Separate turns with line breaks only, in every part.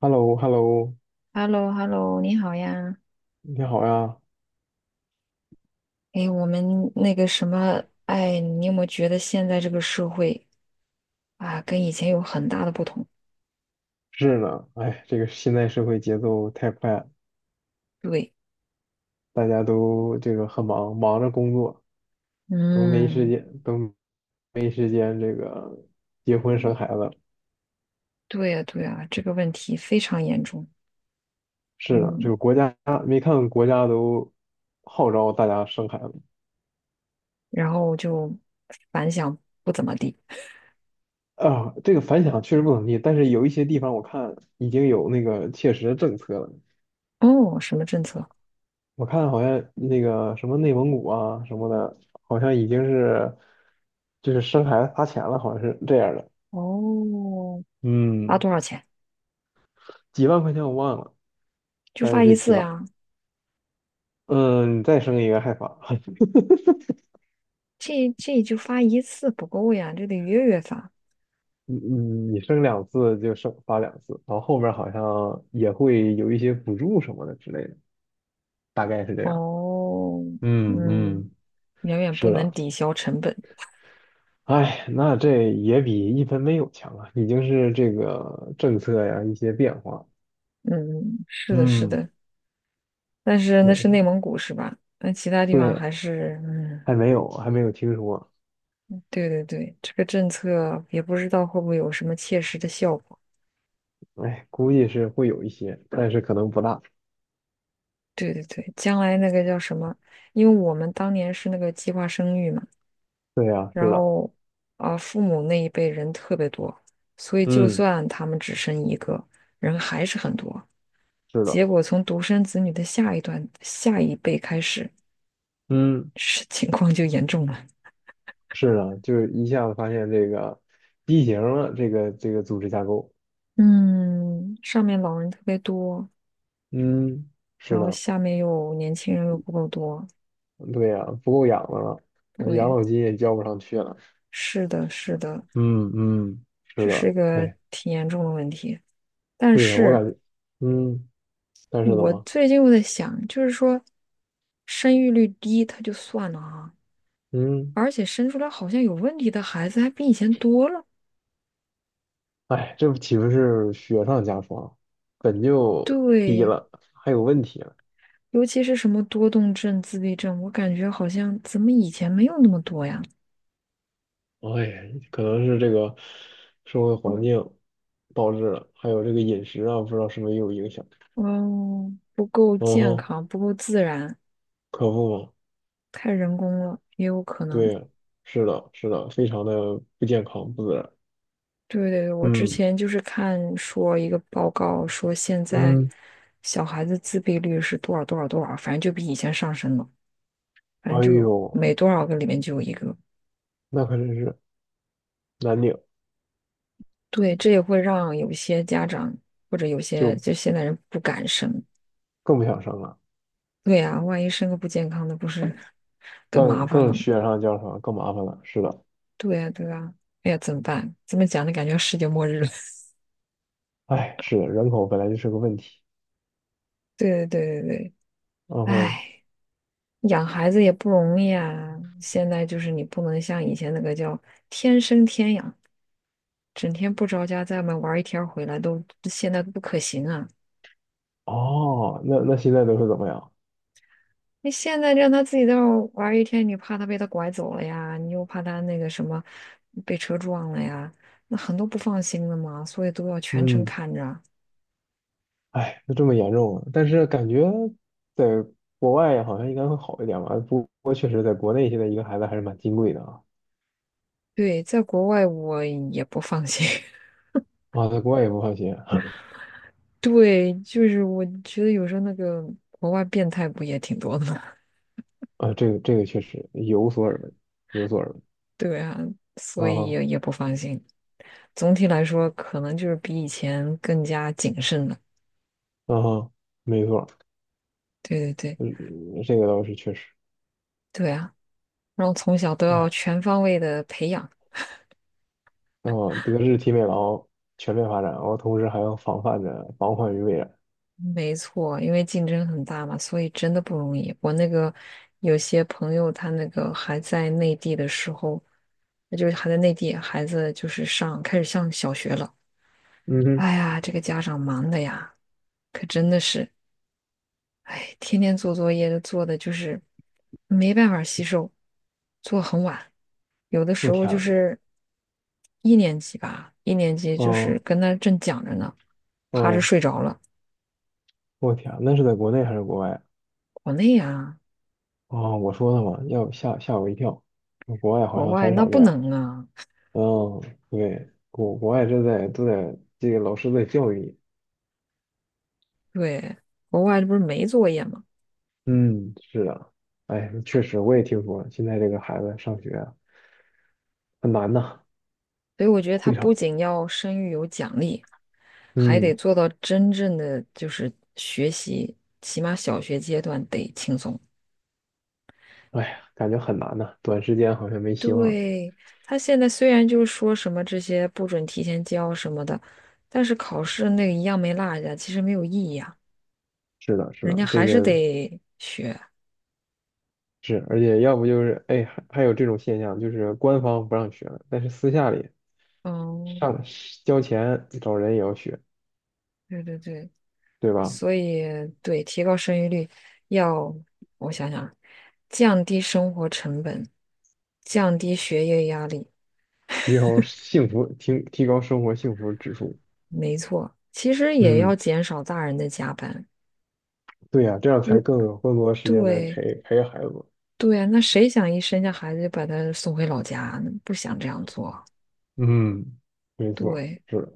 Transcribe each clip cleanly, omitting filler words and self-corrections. Hello hello
h e l l o h e l l o 你好呀。
你好呀。
哎，我们那个什么，哎，你有没有觉得现在这个社会啊，跟以前有很大的不同？
是呢，哎，这个现在社会节奏太快了，
对，
大家都这个很忙，忙着工作，都没时
嗯，
间，都没时间这个结婚生孩子。
对呀，对呀，这个问题非常严重。
是呢，这
嗯，
个国家没看国家都号召大家生孩子。
然后就反响不怎么地。
啊，这个反响确实不怎么地，但是有一些地方我看已经有那个切实的政策了，
哦，什么政策？
我看好像那个什么内蒙古啊什么的，好像已经是就是生孩子砸钱了，好像是这样的。
哦，发
嗯，
多少钱？
几万块钱我忘了，
就
反正
发一
是
次
几万。
呀？
嗯，你再生一个还发，
这就发一次不够呀，这得月月发。
你你你生两次就发两次，然后后面好像也会有一些补助什么的之类的，大概是这样。
哦，
嗯
嗯，
嗯，
远远不
是
能
的。
抵消成本。
哎，那这也比一分没有强啊，已经是这个政策呀一些变化。
嗯，是的，是
嗯，
的，但是
对，
那是
是。
内蒙古是吧？那其他地方
对，
还是，嗯，
还没有听说。
对对对，这个政策也不知道会不会有什么切实的效果。
哎，估计是会有一些，但是可能不大。
对对对，将来那个叫什么？因为我们当年是那个计划生育嘛，
对呀，是
然
的，
后啊，父母那一辈人特别多，所以就
嗯，
算他们只生一个人，还是很多。
是
结
的，
果从独生子女的下一辈开始，
嗯，
是情况就严重了。
是的，就是一下子发现这个畸形了，这个组织架构，
嗯，上面老人特别多，
嗯，是
然后
的，
下面又年轻人又不够多，
对呀，不够养的了，养
对，
老金也交不上去了。
是的，是的，
嗯嗯，是
这
的，
是一个
哎，
挺严重的问题。但
对呀，我
是
感觉，嗯，但是怎
我
么，
最近又在想，就是说生育率低，它就算了啊，
嗯，
而且生出来好像有问题的孩子还比以前多了。
哎，这不岂不是雪上加霜，本就低
对，
了，还有问题了。
尤其是什么多动症、自闭症，我感觉好像怎么以前没有那么多呀？
哎，可能是这个社会环境导致了，还有这个饮食啊，不知道是不是也有影响。
嗯，不够
嗯
健
哼，
康，不够自然，
可不嘛，
太人工了，也有可能。
对呀，是的，是的，非常的不健康、不自然。
对对对，我之
嗯
前就是看说一个报告说，现在
嗯，
小孩子自闭率是多少多少多少，反正就比以前上升了，反正
哎
就
呦，
每多少个里面就有一个。
那可真是难顶，
对，这也会让有些家长或者有些
就
就现在人不敢生。
更不想生了，
对呀，万一生个不健康的，不是更麻
更
烦
更
了吗？
雪上加霜，更麻烦了。是的，
对呀，对呀，哎呀，怎么办？这么讲的感觉世界末日了。
哎，是的，人口本来就是个问题。
对对对对对，
嗯哼，
哎。养孩子也不容易啊，现在就是你不能像以前那个叫天生天养，整天不着家在外面玩一天儿回来都现在不可行啊。
哦，那现在都是怎么样？
你现在让他自己在外玩一天，你怕他被他拐走了呀，你又怕他那个什么被车撞了呀，那很多不放心的嘛，所以都要全程
嗯。
看着啊。
哎，就这么严重了。但是感觉在国外好像应该会好一点吧。不过确实，在国内现在一个孩子还是蛮金贵的啊。
对，在国外我也不放心。
啊，在国外也不放心啊。
对，就是我觉得有时候那个国外变态不也挺多的吗？
这个确实有所耳闻，有所耳闻。
对啊，所以也
啊
也不放心。总体来说，可能就是比以前更加谨慎了。
啊哈，没错，
对对对，
嗯，这个倒是确实。
对啊，然后从小都要
哎，
全方位的培养，
哦，德智体美劳全面发展，然后同时还要防范着防患于未然。
没错，因为竞争很大嘛，所以真的不容易。我那个有些朋友，他那个还在内地的时候，那就是还在内地，孩子就是上，开始上小学了。
嗯哼，
哎呀，这个家长忙的呀，可真的是。哎，天天做作业做的就是没办法吸收，做很晚，有的时
我
候
天
就
呐，
是一年级吧，一年级就是
哦
跟他正讲着呢，趴着
哦，
睡着了。
我天啊，那是在国内还是国外啊？
国内啊，
哦，我说的嘛，要吓我一跳。国外好
国
像
外
很
那
少
不
这样。
能啊，
嗯，对，国外都在这个老师在教育你。
对，国外这不是没作业吗？
嗯，是的。哎，确实我也听说了，现在这个孩子上学啊很难呐，
所以我觉得他
会
不
场。
仅要声誉有奖励，还得
嗯，
做到真正的就是学习，起码小学阶段得轻松。
哎呀，感觉很难呐，短时间好像没希望。
对，他现在虽然就是说什么这些不准提前交什么的，但是考试那个一样没落下，其实没有意义啊，
是的，是
人
的，
家
这
还是
个
得学。
是，而且要不就是哎，还有这种现象，就是官方不让学了，但是私下里
嗯，
上交钱找人也要学，
对对对，
对吧？
所以对提高生育率要，我想想，降低生活成本，降低学业压力，
提高幸福，提高生活幸福指数。
没错，其实也要
嗯，
减少大人的加班。
对呀，这样才
如
更有更多的时间来
对
陪陪孩子。
对啊，那谁想一生下孩子就把他送回老家呢？不想这样做。
嗯，没错，
对，
是的，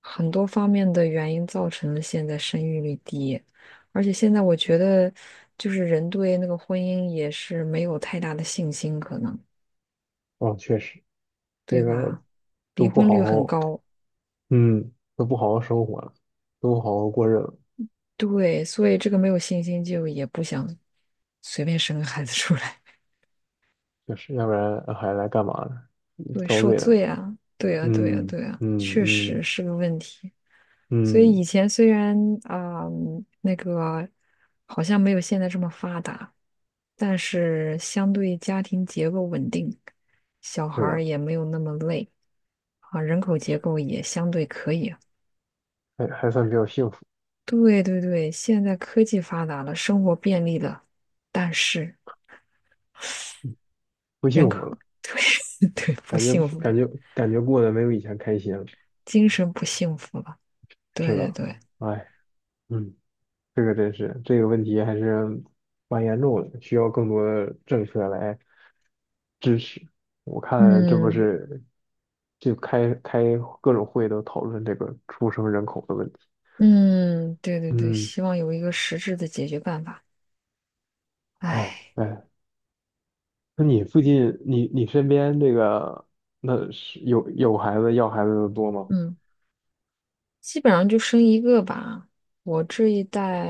很多方面的原因造成了现在生育率低，而且现在我觉得，就是人对那个婚姻也是没有太大的信心，可能，
啊，确实，
对
这个
吧？离
都不
婚率
好
很
好，
高，
嗯，都不好好生活了，都不好好过日子，
对，所以这个没有信心就也不想随便生个孩子出来。
确实，要不然还来干嘛呢？
对，
遭
受
罪来了。
罪啊，对啊，对啊，
嗯
对啊，
嗯
确实
嗯
是个问题。所以
嗯，
以前虽然啊、那个好像没有现在这么发达，但是相对家庭结构稳定，小孩
是
儿
的，
也没有那么累啊，人口结构也相对可以啊
还算比较幸福，
对对对，现在科技发达了，生活便利了，但是
不
人
幸
口
福了，
对对不
感觉
幸福，
感觉感觉过得没有以前开心了。
精神不幸福了。对
是
对
的，
对，
哎，嗯。这个真是，这个问题还是蛮严重的，需要更多的政策来支持。我看这不
嗯。
是就开开各种会都讨论这个出生人口的问题。
嗯，对对对，
嗯，
希望有一个实质的解决办法。
哎
唉，
哎，那你附近你身边这个那是有孩子要孩子的多吗？
嗯，基本上就生一个吧。我这一代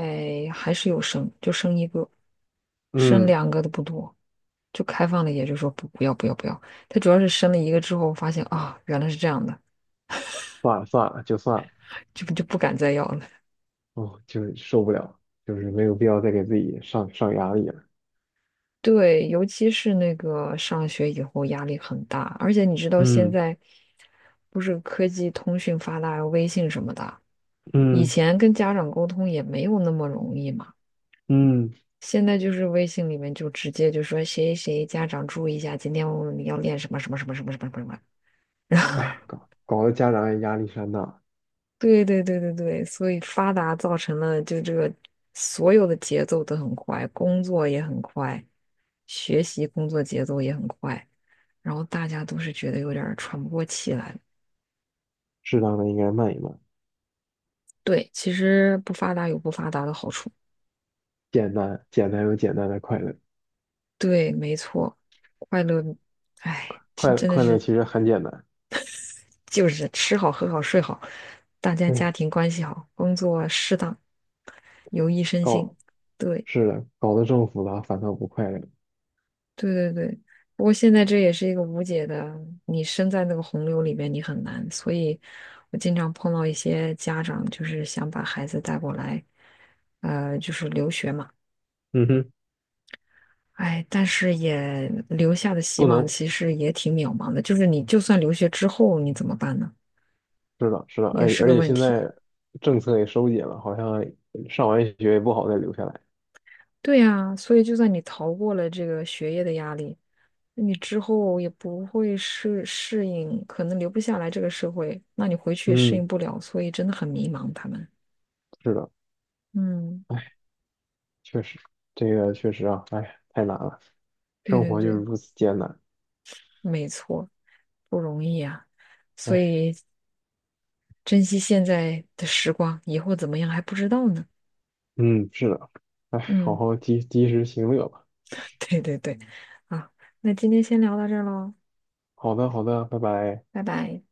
还是有生，就生一个，生
嗯，
两个的不多，就开放了，也就说不不要不要不要。他主要是生了一个之后，发现啊，原来是这样的，
算了算了，就算了，
就不敢再要了。
哦，就是受不了，就是没有必要再给自己上压力了。
对，尤其是那个上学以后压力很大，而且你知道现
嗯
在不是科技通讯发达，微信什么的。以
嗯
前跟家长沟通也没有那么容易嘛，
嗯。
现在就是微信里面就直接就说谁谁家长注意一下，今天我们要练什么什么什么什么什么什么。然后，
哎，搞得家长也压力山大，
对对对对对，所以发达造成了就这个所有的节奏都很快，工作也很快，学习工作节奏也很快，然后大家都是觉得有点儿喘不过气来了。
适当的应该慢一慢，
对，其实不发达有不发达的好处。
简单简单有简单的快乐，
对，没错，快乐，哎，
快
真的
快乐
是。
其实很简单。
就是吃好、喝好、睡好，大家家
对，
庭关系好，工作适当，有益身心。
搞
对，
是的，搞得这么复杂，反倒不快乐。
对对对。不过现在这也是一个无解的，你身在那个洪流里面，你很难。所以我经常碰到一些家长，就是想把孩子带过来，就是留学嘛。
嗯哼，
哎，但是也留下的希
不
望
能，
其实也挺渺茫的，就是你就算留学之后，你怎么办呢？
是的，是的，
也
哎，
是
而
个
且
问
现
题。
在政策也收紧了，好像上完学也不好再留下来。
对呀，所以就算你逃过了这个学业的压力，那你之后也不会适应，可能留不下来这个社会，那你回去也适
嗯，
应不了，所以真的很迷茫。他们，
是的，
嗯，
哎，确实，这个确实啊，哎，太难了，
对
生
对
活就是
对，
如此艰难。
没错，不容易啊。所
哎，
以珍惜现在的时光，以后怎么样还不知道呢。
嗯，是的，好
嗯，
好及时行乐吧。
对对对，啊，那今天先聊到这儿喽，
好的，好的，拜拜。
拜拜。